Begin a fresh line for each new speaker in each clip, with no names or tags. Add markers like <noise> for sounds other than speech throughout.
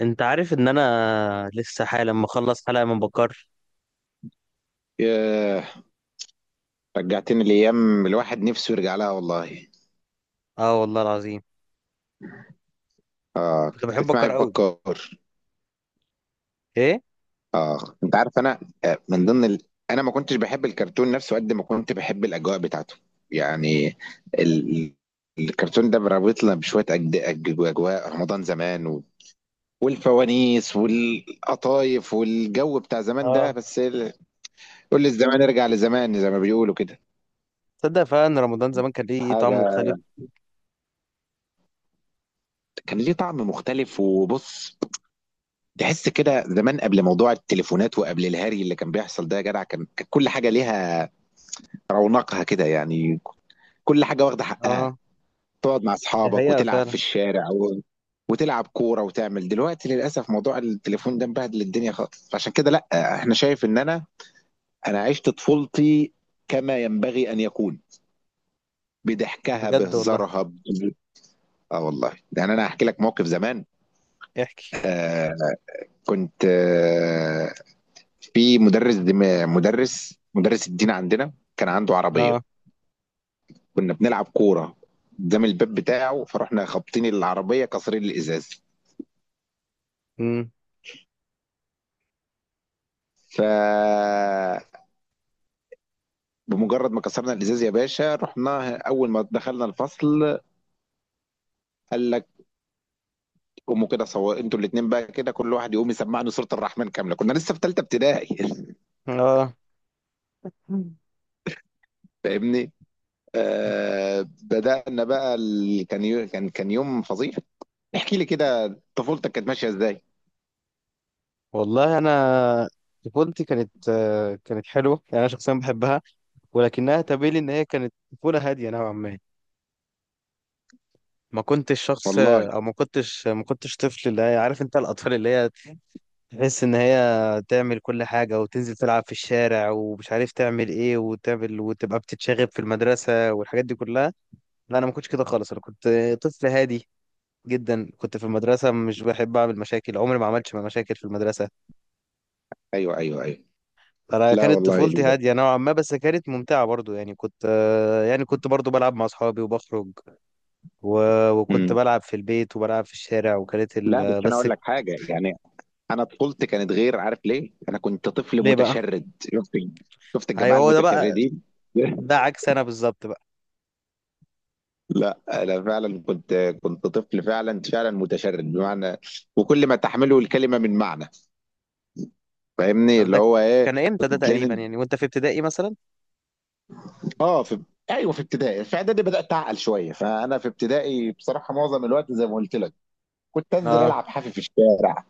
انت عارف ان انا لسه حالا لما اخلص حلقه من بكار.
ياه، رجعتني لأيام الواحد نفسه يرجع لها والله.
اه والله العظيم. كنت
كنت
بحب
بتسمع إيه
بكار
في
قوي.
بكار؟
ايه.
آه أنت عارف أنا، آه، من ضمن ال... أنا ما كنتش بحب الكرتون نفسه قد ما كنت بحب الأجواء بتاعته. يعني ال... الكرتون ده رابطنا بشوية أجواء رمضان زمان والفوانيس والقطايف والجو بتاع زمان ده،
اه.
بس كل الزمان يرجع لزمان زي ما بيقولوا كده.
تصدق فعلا ان رمضان زمان كان ليه طعم
حاجة
مختلف؟
كان ليه طعم مختلف، وبص، تحس كده زمان قبل موضوع التليفونات وقبل الهري اللي كان بيحصل ده، يا جدع كانت كل حاجه ليها رونقها كده يعني. كل حاجه واخده حقها.
اه.
تقعد مع
دي
اصحابك
حقيقه
وتلعب في
فعلا.
الشارع وتلعب كوره وتعمل. دلوقتي للاسف موضوع التليفون ده مبهدل الدنيا خالص، فعشان كده لا. احنا شايف ان انا عشت طفولتي كما ينبغي ان يكون، بضحكها
بجد والله.
بهزارها اه والله. يعني انا هحكي لك موقف زمان.
احكي.
آه كنت في مدرس، مدرس الدين عندنا كان عنده عربية.
اه.
كنا بنلعب كورة قدام الباب بتاعه، فرحنا خابطين العربية كسرين الإزاز.
امم.
ف بمجرد ما كسرنا الإزاز يا باشا، رحنا أول ما دخلنا الفصل، قال لك قوموا كده، صور انتوا الاتنين بقى كده، كل واحد يقوم يسمعني سورة الرحمن كاملة. كنا لسه في تالتة ابتدائي.
اه. مم.
<laughs> فاهمني. بدأنا بقى ال... كان يو... كان كان يوم فظيع. احكي لي كده طفولتك كانت ماشية ازاي.
والله انا طفولتي كانت كانت حلوه، يعني انا شخصيا بحبها، ولكنها تبين لي ان هي كانت طفوله هاديه نوعا ما. ما كنتش شخص،
والله.
او ما كنتش طفل اللي هي، عارف انت الاطفال اللي هي تحس ان هي تعمل كل حاجة وتنزل تلعب في الشارع ومش عارف تعمل ايه، وتعمل وتبقى بتتشاغب في المدرسة والحاجات دي كلها. لا، انا ما كنتش كده خالص، انا كنت طفل هادي جدا. كنت في المدرسة مش بحب اعمل مشاكل، عمري ما عملتش مشاكل في المدرسة.
ايوه ايوه ايوه.
انا
لا
كانت
والله
طفولتي هادية نوعا ما، بس كانت ممتعة برضو، يعني كنت، يعني كنت برضو بلعب مع اصحابي وبخرج، و... وكنت
مم.
بلعب في البيت وبلعب في الشارع، وكانت
لا بس انا
بس.
اقول لك حاجه يعني، انا طفولتي كانت غير. عارف ليه؟ انا كنت طفل
ليه بقى؟
متشرد، شفت؟ شفت الجماعه
ايوه، هو ده بقى.
المتشردين.
ده
<laughs>
عكس انا بالظبط بقى.
لا انا فعلا كنت، كنت طفل فعلا فعلا متشرد بمعنى وكل ما تحمله الكلمه من معنى. فاهمني اللي
ده
هو ايه.
كان امتى ده تقريبا
تلاقيني
يعني؟ وانت في ابتدائي مثلا؟
اه في ايوه في ابتدائي، في اعدادي بدات اعقل شويه. فانا في ابتدائي بصراحه معظم الوقت زي ما قلت لك كنت انزل
اه.
العب حافي في الشارع.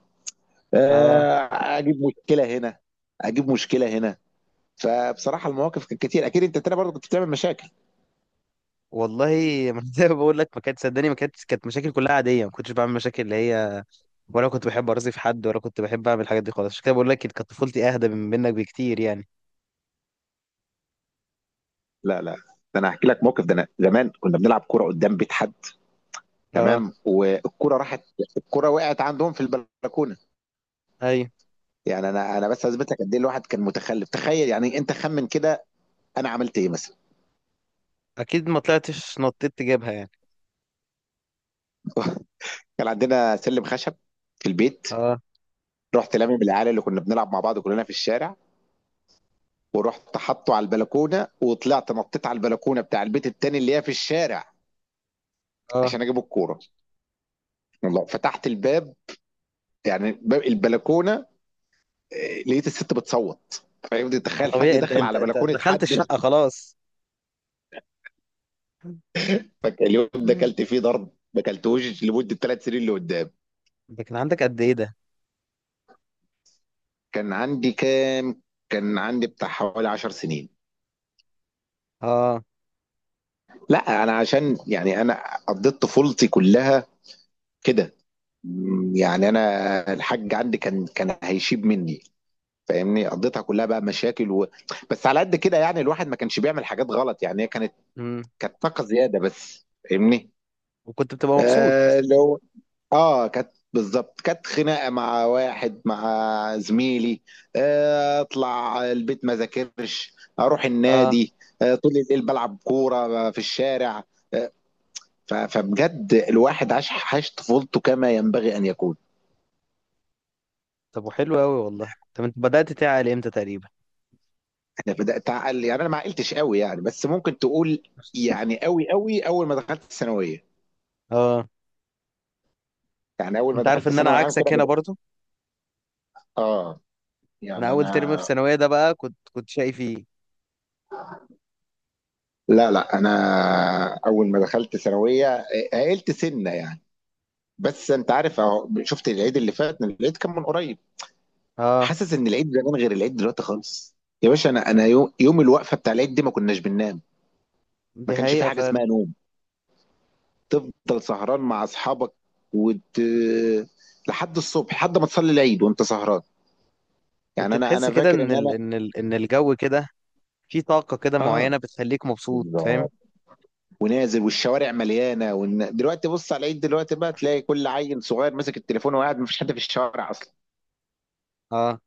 اه
آه، اجيب مشكله هنا، اجيب مشكله هنا. فبصراحه المواقف كانت كتير، اكيد. انت تاني برضه كنت بتعمل مشاكل.
والله ما <laughs> زي ما بقول لك، ما كانت، صدقني، ما كانتش، كانت مشاكل كلها عاديه، ما كنتش بعمل مشاكل اللي هي، ولا كنت بحب ارازي في حد، ولا كنت بحب اعمل الحاجات دي خالص. عشان كده بقول لك، كانت طفولتي اهدى من منك بكتير يعني.
لا لا، ده انا هحكي لك موقف. ده انا زمان كنا بنلعب كوره قدام بيت حد،
اه.
تمام؟ والكوره راحت، الكوره وقعت عندهم في البلكونه.
ايوه،
يعني انا بس اثبت لك قد ايه الواحد كان متخلف. تخيل يعني، انت خمن كده انا عملت ايه مثلا.
اكيد ما طلعتش نطيت تجيبها يعني.
<laughs> كان عندنا سلم خشب في البيت،
اه
رحت لامم العيال اللي كنا بنلعب مع بعض كلنا في الشارع، ورحت حاطه على البلكونه وطلعت نطيت على البلكونه بتاع البيت التاني اللي هي في الشارع
اه،
عشان اجيب الكوره. والله فتحت الباب، يعني باب البلكونه، لقيت الست بتصوت. فاهم؟
ما
تخيل حد
طبيعي، انت
داخل على بلكونه
دخلت
حد.
الشقه خلاص. <laughs>
فاليوم ده
مم.
اكلت فيه ضرب ما اكلتوش لمده 3 سنين اللي قدام.
ده كان عندك قد ايه ده؟
كان عندي كام؟ كان عندي بتاع حوالي 10 سنين.
اه.
لا انا عشان يعني انا قضيت طفولتي كلها كده، يعني انا الحاج عندي كان هيشيب مني، فاهمني. قضيتها كلها بقى مشاكل بس على قد كده. يعني الواحد ما كانش بيعمل حاجات غلط، يعني هي كانت،
امم.
كانت طاقه زياده بس، فاهمني.
وكنت بتبقى مبسوط؟
آه لو اه كانت بالظبط، كانت خناقه مع واحد، مع زميلي. اطلع البيت ما ذاكرش، اروح
اه.
النادي. طول الليل بلعب كوره في الشارع. آه، فبجد الواحد عاش، عاش طفولته كما ينبغي ان يكون.
طب، وحلو قوي والله. طب انت بدأت تعقل امتى تقريبا؟
انا بدات اعقل، يعني انا ما عقلتش قوي يعني، بس ممكن تقول يعني قوي قوي اول ما دخلت الثانويه.
اه،
يعني اول ما
انت عارف
دخلت
ان انا
ثانوي عام كده
عكسك هنا
بدأ.
برضو.
اه
انا
يعني
اول ترم
انا،
في ثانويه ده بقى، كنت شقي فيه.
لا لا انا اول ما دخلت ثانويه عقلت سنه يعني. بس انت عارف اهو، شفت العيد اللي فات؟ العيد كان من قريب،
اه،
حاسس ان العيد زمان غير العيد دلوقتي خالص. يا باشا انا يوم الوقفه بتاع العيد دي ما كناش بننام، ما
دي
كانش في
حقيقه
حاجه
فعلا.
اسمها نوم. تفضل سهران مع اصحابك وت... لحد الصبح، لحد ما تصلي العيد وانت سهران.
كنت
يعني انا
تحس
انا
كده
فاكر ان
ان
انا،
الجو كده في طاقه كده
اه
معينه بتخليك مبسوط، فاهم؟
بالظبط، ونازل والشوارع مليانه دلوقتي بص على العيد. دلوقتي بقى تلاقي كل عيل صغير ماسك التليفون وقاعد، ما فيش حد في الشوارع اصلا.
اه.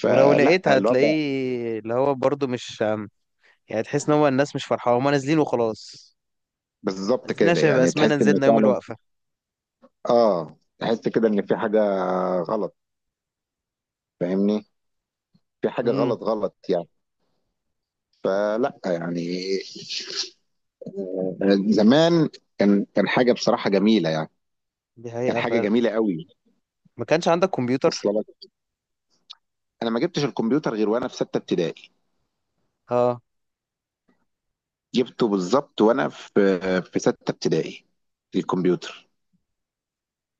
ولو
فلا
لقيت،
الوضع
هتلاقيه اللي هو برضو مش، يعني تحس ان هو الناس مش فرحانه، هما نازلين وخلاص،
بالظبط
نازلين
كده.
عشان يبقى
يعني تحس
اسمنا
ان
نزلنا يوم
فعلا
الوقفه.
اه، تحس كده ان في حاجه غلط، فاهمني. في حاجه
امم،
غلط غلط يعني. فلا يعني زمان، كان حاجه بصراحه جميله يعني،
دي
كان
حقيقه
حاجه
فعلا.
جميله قوي.
ما كانش عندك كمبيوتر؟
واصله لك. انا ما جبتش الكمبيوتر غير وانا في سته ابتدائي.
اه.
جبته بالظبط وانا في، في سته ابتدائي الكمبيوتر.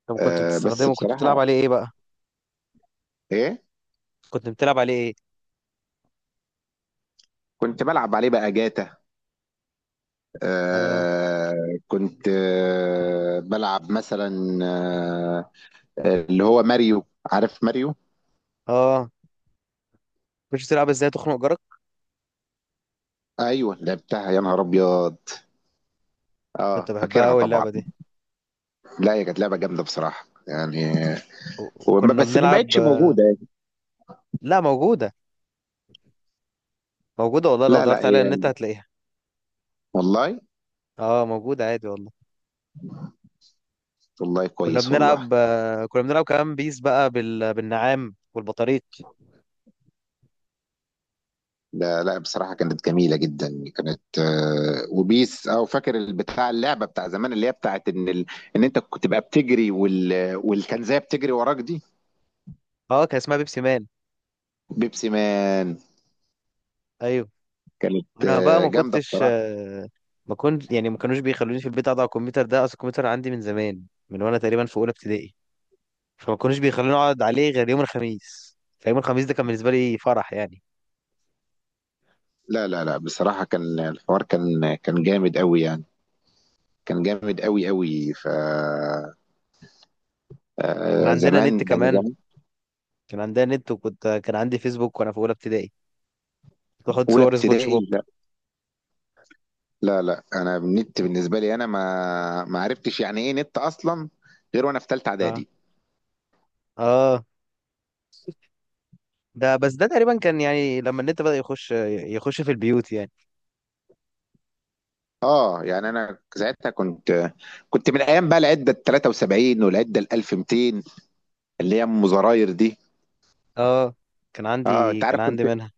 طب كنت
بس
بتستخدمه؟ كنت بتلعب
بصراحه،
عليه ايه بقى؟
ايه،
كنت بتلعب عليه ايه؟
كنت بلعب عليه بقى جاتا.
اه.
آه كنت بلعب مثلا، آه اللي هو ماريو. عارف ماريو؟
اه. مش بتلعب ازاي تخنق جارك؟
ايوه لعبتها يا نهار ابيض.
كنت
اه
بحبها
فاكرها
قوي
طبعا.
اللعبه دي.
لا هي كانت لعبه جامده بصراحه يعني.
وكنا
بس ما
بنلعب.
بقتش موجوده يعني.
لا موجوده، موجوده والله، لو
لا لا
دورت عليها النت
هي،
هتلاقيها.
والله.
اه، موجوده عادي والله.
والله
كنا
كويس والله.
بنلعب، كنا بنلعب كمان بيس بقى بالنعام والبطاريق.
لا لا بصراحه كانت جميله جدا. كانت وبيس. او فاكر البتاع، اللعبه بتاع زمان اللي هي بتاعت ان ان انت كنت تبقى بتجري والكنزيه بتجري وراك دي.
اه، كان اسمها بيبسي مان.
بيبسي مان؟
ايوه.
كانت
انا بقى ما
جامده
كنتش،
بصراحه.
ما كنت يعني، ما كانوش بيخلوني في البيت اقعد على الكمبيوتر، ده اصل الكمبيوتر عندي من زمان، من وانا تقريبا في اولى ابتدائي، فما كانوش بيخلوني اقعد عليه غير يوم الخميس، فيوم الخميس ده كان بالنسبه لي فرح يعني.
لا لا لا بصراحه كان الحوار، كان جامد قوي يعني، كان جامد قوي قوي. ف
كان
آه
عندنا
زمان
نت
ده، انا
كمان،
زمان.
كان عندها نت، وكنت، كان عندي فيسبوك وانا في اولى ابتدائي، كنت بحط
اولى
صور سبونج بوب.
ابتدائي؟ لا لا لا، انا النت بالنسبه لي، انا ما عرفتش يعني ايه نت اصلا غير وانا في ثالثه
اه.
اعدادي.
اه، ده بس، ده تقريبا كان يعني لما النت بدأ يخش، يخش في البيوت يعني.
اه يعني انا ساعتها كنت، كنت من ايام بقى العده ال 73 والعده ال 1200 اللي هي ام زراير دي.
اه، كان
اه
عندي،
انت
كان
عارف كنت،
عندي منها.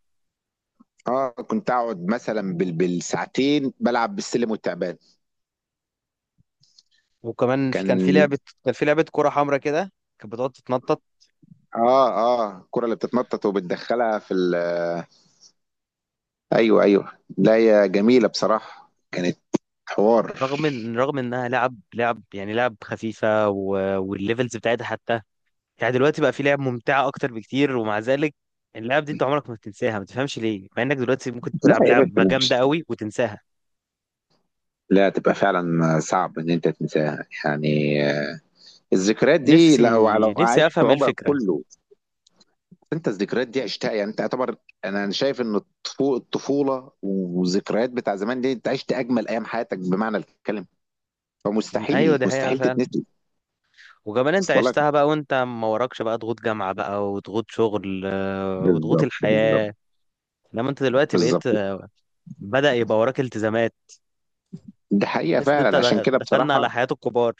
اه كنت اقعد مثلا بالساعتين بلعب بالسلم والتعبان.
وكمان في، كان في
كان،
لعبة، كان في لعبة كرة حمراء كده، كانت بتقعد تتنطط.
اه الكره اللي بتتنطط وبتدخلها في ايوه ايوه. لا هي جميله بصراحه، كانت حوار.
رغم ان، رغم انها لعب، لعب خفيفة، والليفلز بتاعتها حتى، يعني دلوقتي بقى في لعب ممتعة اكتر بكتير، ومع ذلك اللعب دي انت عمرك ما بتنساها، ما تفهمش ليه؟ مع انك دلوقتي ممكن
لا
تلعب
يا باشا
لعبة
مش،
جامدة قوي وتنساها.
لا تبقى فعلا صعب ان انت تنساها يعني. الذكريات دي لو لو
نفسي
عشت
افهم ايه
عمرك
الفكره.
كله انت الذكريات دي عشتها. يعني انت اعتبر انا أنا شايف ان الطفوله والذكريات بتاع زمان دي انت عشت اجمل ايام حياتك بمعنى الكلمه.
ايوه،
فمستحيل
دي حقيقه
مستحيل
فعلا.
تتنسي.
وكمان انت
اصلا لك
عشتها بقى وانت ما وراكش بقى ضغوط جامعه بقى، وضغوط شغل، وضغوط
بالظبط بالظبط.
الحياه، لما انت دلوقتي بقيت،
بالظبط
بدأ يبقى وراك التزامات.
دي حقيقه
تحس ان انت،
فعلا. عشان كده
دخلنا على
بصراحه،
حياه الكبار،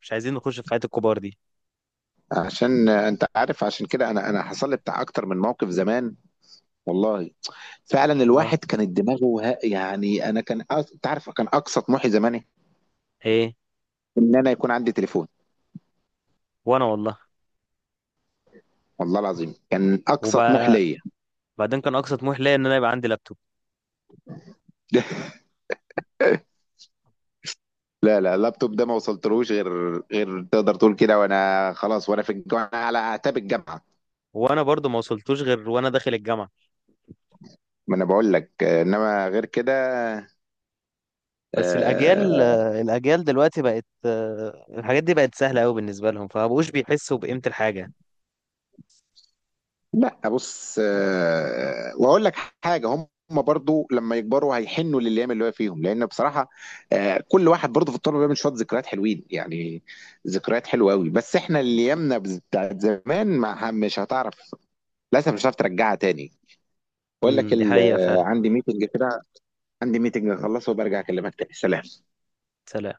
مش عايزين نخش في حياه الكبار دي.
عشان انت عارف عشان كده انا حصل لي بتاع اكتر من موقف زمان والله. فعلا
اه.
الواحد كانت دماغه يعني انا كان، انت عارف كان اقصى طموحي زمان إيه؟
ايه.
ان انا يكون عندي تليفون.
وانا والله.
والله العظيم كان اقصى طموح
وبعدين،
ليا.
كان اقصى طموح ليا ان انا يبقى عندي لابتوب.
<laughs> لا لا، اللابتوب ده ما وصلتلوش غير، غير تقدر تقول كده وانا خلاص، وانا في الجامعه على اعتاب الجامعه.
وانا برضو ما وصلتوش غير وانا داخل الجامعه.
ما انا بقول لك انما غير كده
بس الاجيال،
آه،
الاجيال دلوقتي بقت، الحاجات دي بقت سهله قوي بالنسبه لهم، فمبقوش بيحسوا بقيمه الحاجه.
لا بص واقول لك حاجه. هم برضو لما يكبروا هيحنوا للايام اللي هو فيهم، لان بصراحه كل واحد برضو في الطلبه بيعمل شويه ذكريات حلوين يعني، ذكريات حلوه قوي. بس احنا اللي ايامنا بتاعت زمان ما، مش هتعرف للاسف، مش هتعرف ترجعها تاني. بقول لك
امم، دي حقيقه فعلا.
عندي ميتنج كده، عندي ميتنج اخلصه وبرجع اكلمك تاني. سلام.
سلام.